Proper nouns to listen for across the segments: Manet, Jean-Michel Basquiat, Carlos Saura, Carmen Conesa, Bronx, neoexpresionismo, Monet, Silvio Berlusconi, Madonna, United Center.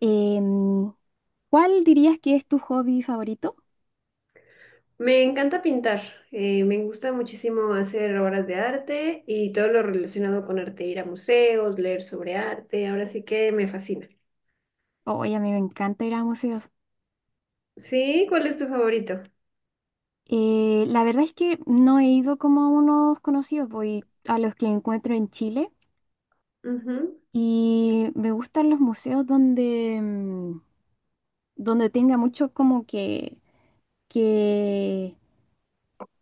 Em, ¿Cuál dirías que es tu hobby favorito? Me encanta pintar, me gusta muchísimo hacer obras de arte y todo lo relacionado con arte, ir a museos, leer sobre arte, ahora sí que me fascina. Oye, a mí me encanta ir a museos. ¿Sí? ¿Cuál es tu favorito? La verdad es que no he ido como a unos conocidos, voy a los que encuentro en Chile Ujú. y me gustan los museos donde tenga mucho como que,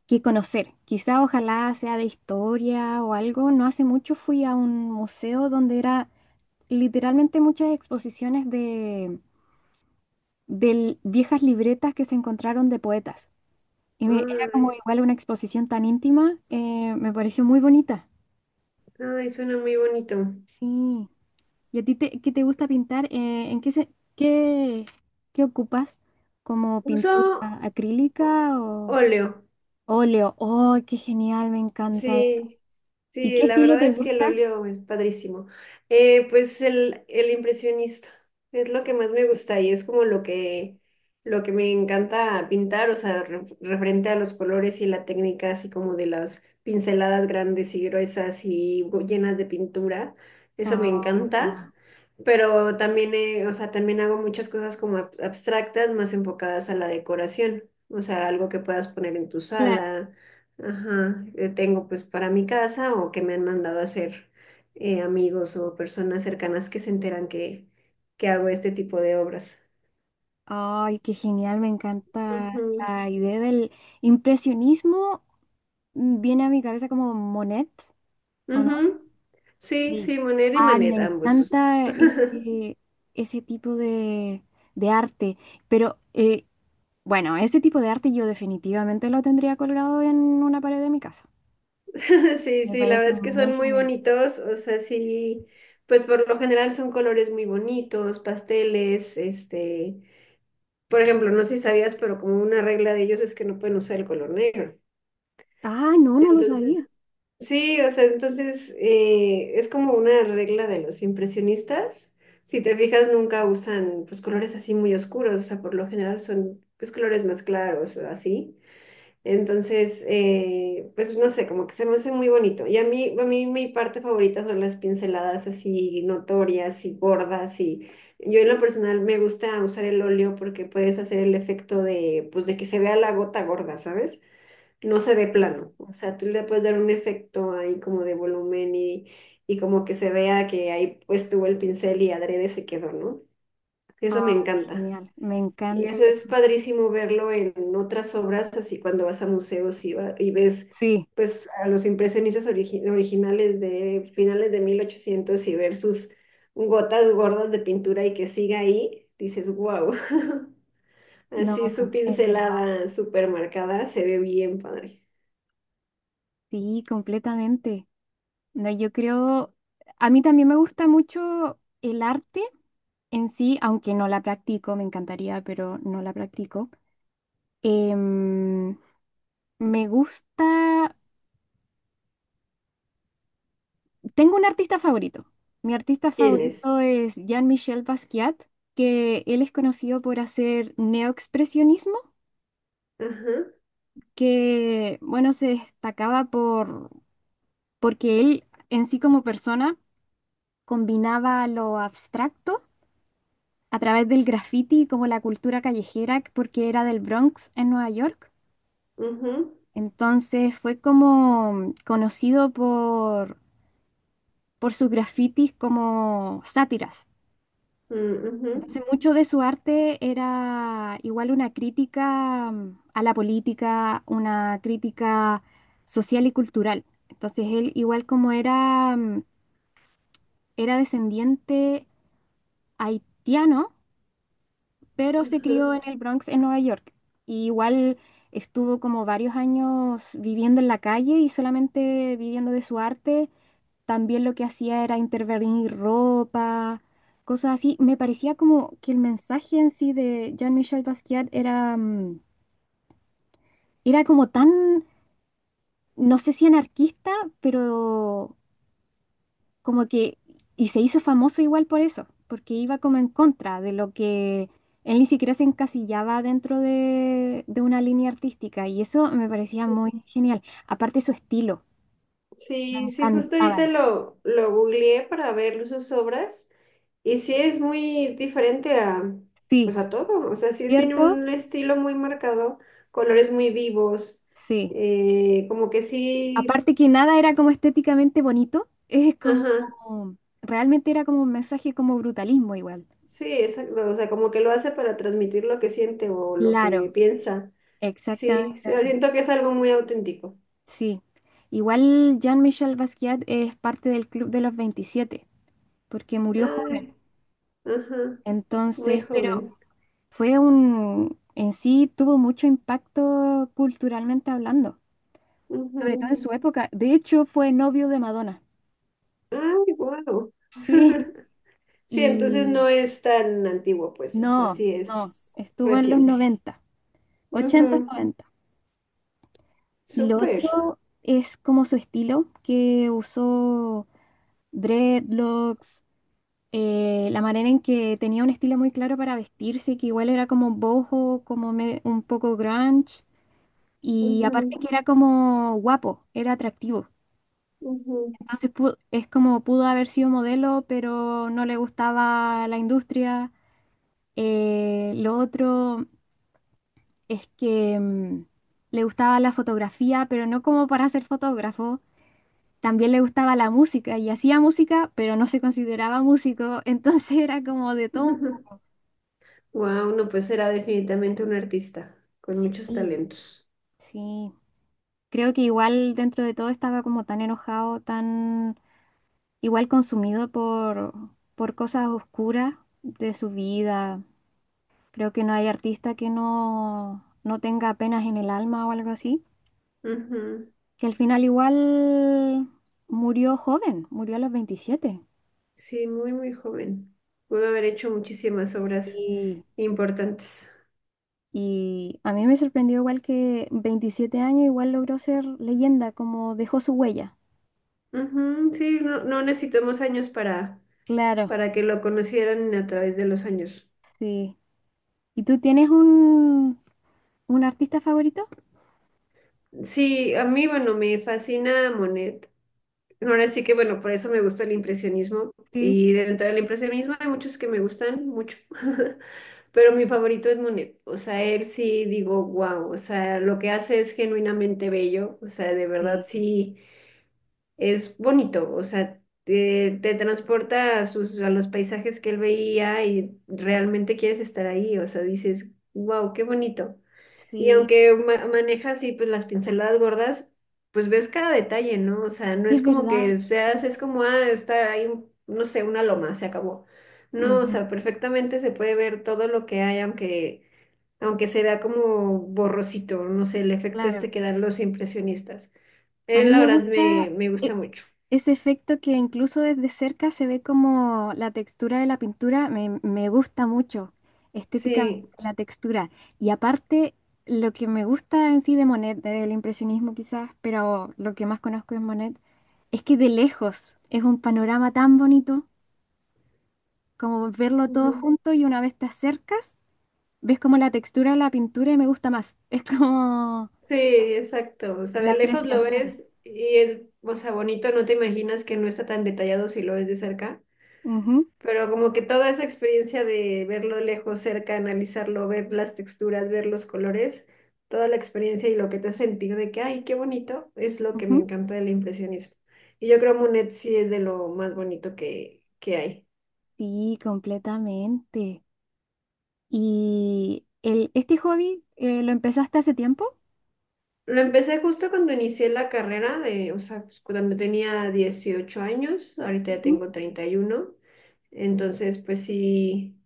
que conocer. Quizá ojalá sea de historia o algo. No hace mucho fui a un museo donde era literalmente muchas exposiciones de viejas libretas que se encontraron de poetas. Y era como Ay, igual una exposición tan íntima, me pareció muy bonita. ay, suena muy bonito. Sí. ¿Y a ti qué te gusta pintar? ¿En qué, qué, qué ocupas? ¿Como Uso pintura ó- acrílica o óleo. óleo? ¡Oh, qué genial! Me encanta eso. Sí, ¿Y sí, qué la estilo verdad te es que el gusta? óleo es padrísimo. El impresionista es lo que más me gusta y es como lo que me encanta pintar, o sea, referente a los colores y la técnica, así como de las pinceladas grandes y gruesas y llenas de pintura. Eso me Oh, encanta. Pero también, o sea, también hago muchas cosas como abstractas, más enfocadas a la decoración. O sea, algo que puedas poner en tu claro. sala. Ajá, tengo pues para mi casa o que me han mandado a hacer, amigos o personas cercanas que se enteran que hago este tipo de obras. ¡Ay, qué genial! Me encanta Ujú, la idea del impresionismo. Viene a mi cabeza como Monet, ¿o no? ujú. Sí, Sí, sí, Monet y me Manet, ambos. encanta ese tipo de arte, pero bueno, ese tipo de arte yo definitivamente lo tendría colgado en una pared de mi casa. Sí, Me sí, la parece verdad es que muy son muy genial. bonitos, o sea, sí, pues por lo general son colores muy bonitos, pasteles, este, por ejemplo, no sé si sabías, pero como una regla de ellos es que no pueden usar el color negro. Ah, no, no lo Entonces, sabía. sí, o sea, entonces es como una regla de los impresionistas. Si te fijas, nunca usan pues colores así muy oscuros, o sea, por lo general son pues colores más claros o así. Entonces, pues no sé, como que se me hace muy bonito. Y a mí mi parte favorita son las pinceladas así notorias y gordas, y yo en lo personal me gusta usar el óleo porque puedes hacer el efecto de, pues, de que se vea la gota gorda, ¿sabes? No se ve plano. O sea, tú le puedes dar un efecto ahí como de volumen y como que se vea que ahí pues tuvo el pincel y adrede se quedó, ¿no? Ah, Eso me encanta. genial, me Y encanta eso es eso. padrísimo verlo en otras obras, así cuando vas a museos y, y ves Sí, pues a los impresionistas originales de finales de 1800 y ver sus gotas gordas de pintura y que siga ahí, dices, wow, no, así su es verdad. pincelada súper marcada se ve bien padre. Sí, completamente. No, yo creo, a mí también me gusta mucho el arte en sí, aunque no la practico, me encantaría, pero no la practico. Em, me gusta, tengo un artista favorito. Mi artista ¿Quién es? favorito es Jean-Michel Basquiat, que él es conocido por hacer neoexpresionismo, Ajá. que bueno, se destacaba porque él en sí como persona combinaba lo abstracto a través del graffiti como la cultura callejera, porque era del Bronx en Nueva York. Ujú, Entonces fue como conocido por sus grafitis como sátiras. mm, ujú, Entonces, mucho de su arte era igual una crítica a la política, una crítica social y cultural. Entonces, él igual como era, era descendiente haitiano, pero se crió ujú. en el Bronx, en Nueva York. Y igual estuvo como varios años viviendo en la calle y solamente viviendo de su arte. También lo que hacía era intervenir ropa, cosas así. Me parecía como que el mensaje en sí de Jean-Michel Basquiat era, era como tan, no sé si anarquista, pero como que, y se hizo famoso igual por eso, porque iba como en contra de lo que él ni siquiera se encasillaba de una línea artística, y eso me parecía muy genial. Aparte su estilo, me Sí. Sí, sí, justo encantaba ahorita eso. lo googleé para ver sus obras y sí es muy diferente a, Sí, pues a todo, o sea, sí tiene ¿cierto? un estilo muy marcado, colores muy vivos, Sí. Como que sí, Aparte que nada era como estéticamente bonito, es como, ajá, realmente era como un mensaje como brutalismo igual. sí, exacto, o sea, como que lo hace para transmitir lo que siente o lo que Claro, piensa. Sí, exactamente sí, así. siento que es algo muy auténtico. Sí. Igual Jean-Michel Basquiat es parte del Club de los 27 porque murió joven. Ay, ajá, muy Entonces, pero joven. fue un, en sí tuvo mucho impacto culturalmente hablando, sobre todo en su época. De hecho, fue novio de Madonna. Ay, wow. Sí. Sí, entonces no Y es tan antiguo, pues, o sea, no, sí no, es estuvo en los reciente. 90. Ochenta, Ujú, noventa. Y lo súper. otro es como su estilo, que usó dreadlocks, la manera en que tenía un estilo muy claro para vestirse, que igual era como boho, como un poco grunge, y aparte que era como guapo, era atractivo. Wow. Entonces es como pudo haber sido modelo, pero no le gustaba la industria. Lo otro es que... le gustaba la fotografía, pero no como para ser fotógrafo, también le gustaba la música y hacía música, pero no se consideraba músico, entonces era como de todo. No, pues era definitivamente un artista con muchos Sí, talentos. sí. Creo que igual dentro de todo estaba como tan enojado, tan igual consumido por cosas oscuras de su vida. Creo que no hay artista que no tenga penas en el alma o algo así. Ujú, Que al final igual murió joven, murió a los sí, muy, muy joven. Pudo haber hecho muchísimas obras 27. importantes. Y a mí me sorprendió igual que 27 años igual logró ser leyenda, como dejó su huella. Ujú, sí, no, no necesitamos años Claro, para que lo conocieran a través de los años. sí. ¿Y tú tienes un artista favorito? Sí, a mí, bueno, me fascina Monet. Ahora sí que, bueno, por eso me gusta el impresionismo. Sí, Y dentro del impresionismo hay muchos que me gustan mucho. Pero mi favorito es Monet. O sea, él sí digo, wow. O sea, lo que hace es genuinamente bello. O sea, de verdad sí, sí es bonito. O sea, te transporta a, sus, a los paisajes que él veía y realmente quieres estar ahí. O sea, dices, wow, qué bonito. Y sí, aunque maneja así pues las pinceladas gordas, pues ves cada detalle, ¿no? O sea, no es es como verdad, que seas, sí, es como, ah, está ahí, no sé, una loma, se acabó. No, o ujú, sea, perfectamente se puede ver todo lo que hay, aunque, aunque se vea como borrosito, no sé, el efecto claro. este que dan los impresionistas. A Él, mí la me verdad, gusta me gusta e- mucho. ese efecto que incluso desde cerca se ve como la textura de la pintura, me gusta mucho estéticamente Sí, la textura. Y aparte, lo que me gusta en sí de Monet, del impresionismo quizás, pero lo que más conozco es Monet, es que de lejos es un panorama tan bonito como verlo todo ujú. junto y una vez te acercas, ves como la textura de la pintura y me gusta más. Es como Sí, exacto. O sea, la de lejos lo apreciación. ves y es, o sea, bonito, no te imaginas que no está tan detallado si lo ves de cerca. Ujú, Pero como que toda esa experiencia de verlo lejos, cerca, analizarlo, ver las texturas, ver los colores, toda la experiencia y lo que te hace sentir de que, ay, qué bonito, es lo que me ujú. encanta del impresionismo. Y yo creo Monet sí es de lo más bonito que hay. Sí, completamente. ¿Y el, este hobby lo empezaste hace tiempo? Lo empecé justo cuando inicié la carrera, de, o sea, pues, cuando tenía 18 años, ahorita ya Ujú. tengo 31, entonces pues sí,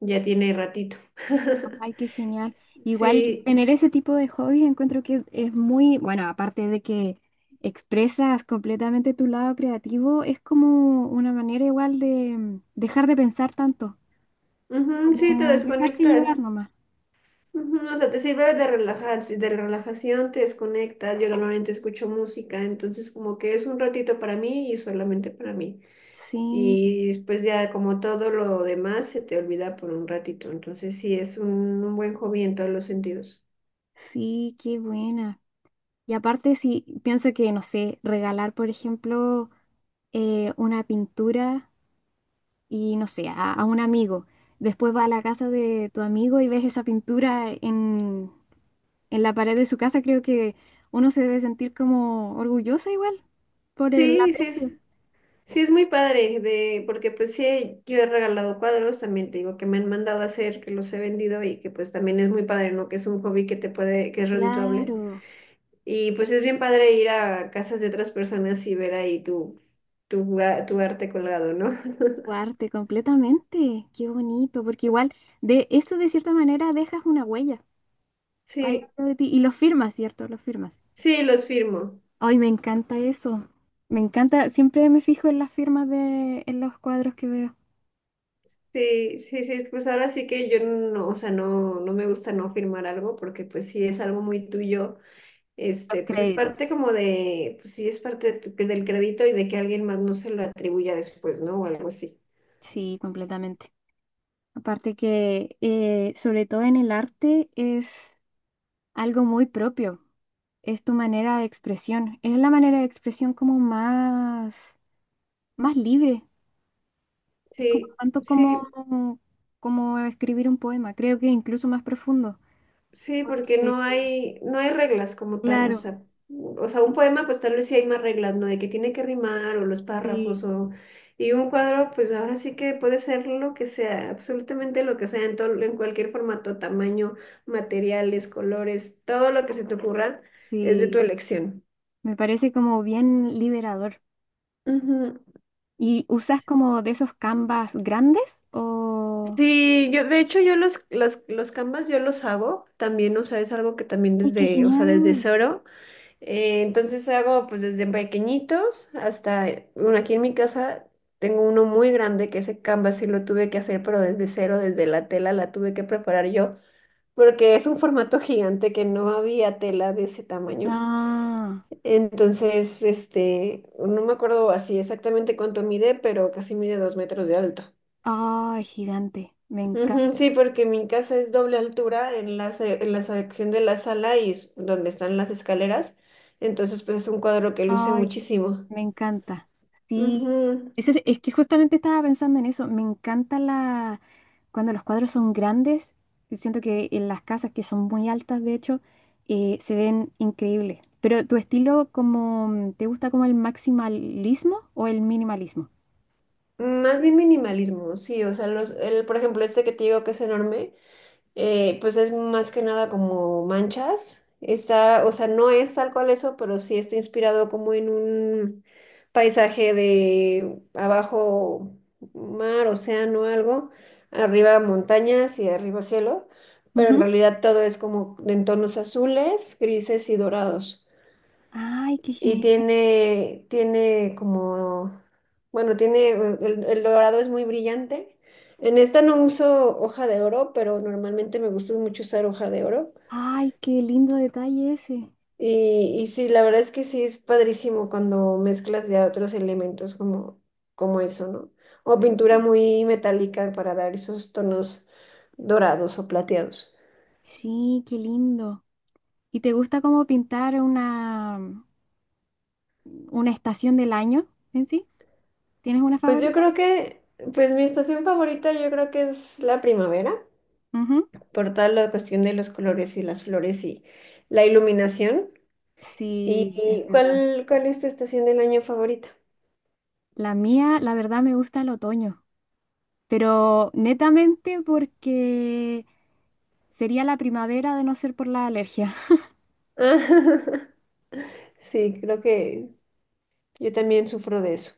ya tiene ratito. Ay, qué genial. Igual Sí, tener ese tipo de hobbies encuentro que es muy, bueno, aparte de que expresas completamente tu lado creativo, es como una manera igual de dejar de pensar tanto, ujú, sí, te como dejarse llevar desconectas. nomás. Ujú, o sea, te sirve de relajar, si de relajación te desconectas. Yo normalmente escucho música, entonces como que es un ratito para mí y solamente para mí. Sí, Y después ya como todo lo demás se te olvida por un ratito. Entonces sí es un buen hobby en todos los sentidos. sí, qué buena. Y aparte, sí, pienso que, no sé, regalar, por ejemplo, una pintura y no sé, a un amigo. Después va a la casa de tu amigo y ves esa pintura en la pared de su casa, creo que uno se debe sentir como orgullosa igual por el Sí, aprecio. Sí es muy padre de, porque pues sí, yo he regalado cuadros, también te digo que me han mandado a hacer, que los he vendido y que pues también es muy padre, ¿no? Que es un hobby que te puede, que es redituable. Claro, Y pues es bien padre ir a casas de otras personas y ver ahí tu, tu, tu arte colgado, ¿no? tu arte completamente. Qué bonito, porque igual de eso de cierta manera dejas una huella ahí Sí, dentro de ti y lo firmas, ¿cierto? Lo firmas. sí, los firmo. Ay, me encanta eso. Me encanta, siempre me fijo en las firmas de, en los cuadros que veo. Sí, sí, sí, pues ahora sí que yo no, o sea, no, no me gusta no firmar algo porque pues si es algo muy tuyo, este, Los pues es créditos. parte como de, pues sí es parte de del crédito y de que alguien más no se lo atribuya después, ¿no? O algo así. Sí, completamente. Aparte que, sobre todo en el arte, es algo muy propio. Es tu manera de expresión. Es la manera de expresión como más, más libre. Es como Sí, tanto como, sí. como escribir un poema. Creo que incluso más profundo. Sí, porque Porque, no hay, no hay reglas como tal, claro, o sea, un poema pues tal vez sí hay más reglas, ¿no? De que tiene que rimar o los párrafos sí, o... Y un cuadro pues ahora sí que puede ser lo que sea, absolutamente lo que sea, en todo, en cualquier formato, tamaño, materiales, colores, todo lo que se te ocurra es de tu sí. elección. Me parece como bien liberador. Ujú. ¿Y usas como de esos canvas grandes? O... Sí, yo de hecho los canvas yo los hago también, o sea, es algo que también ¡Ay, qué desde, o sea, desde genial! cero. Entonces hago pues desde pequeñitos hasta, bueno, aquí en mi casa tengo uno muy grande que ese canvas sí lo tuve que hacer, pero desde cero, desde la tela la tuve que preparar yo, porque es un formato gigante que no había tela de ese tamaño. Ah. Entonces, este, no me acuerdo así exactamente cuánto mide, pero casi mide 2 metros de alto. Ay, gigante, me Ujú, encanta. sí, porque mi casa es doble altura en la, en la sección de la sala y es donde están las escaleras. Entonces, pues es un cuadro que luce Ay, muchísimo. me encanta. Sí, Ujú. ese es que justamente estaba pensando en eso. Me encanta la cuando los cuadros son grandes. Y siento que en las casas que son muy altas, de hecho, se ven increíbles. Pero tu estilo, como, ¿te gusta como el maximalismo o el minimalismo? Más bien minimalismo, sí, o sea, los, el, por ejemplo, este que te digo que es enorme, pues es más que nada como manchas, está, o sea, no es tal cual eso, pero sí está inspirado como en un paisaje de abajo mar, océano, algo, arriba montañas y arriba cielo, pero en Ujú. realidad todo es como en tonos azules, grises y dorados. Ay, qué Y genial. tiene como, bueno, tiene, el dorado es muy brillante. En esta no uso hoja de oro, pero normalmente me gusta mucho usar hoja de oro. Ay, qué lindo detalle ese. Y sí, la verdad es que sí es padrísimo cuando mezclas ya otros elementos como, como eso, ¿no? O pintura muy metálica para dar esos tonos dorados o plateados. Sí, qué lindo. ¿Y te gusta como pintar una? Una estación del año en sí. ¿Tienes una Pues yo favorita? creo que, pues mi estación favorita yo creo que es la primavera, Ujú. por toda la cuestión de los colores y las flores y la iluminación. ¿Y Sí, es verdad. cuál, cuál es tu estación del año favorita? La mía, la verdad, me gusta el otoño, pero netamente porque sería la primavera de no ser por la alergia. Sí, creo que yo también sufro de eso.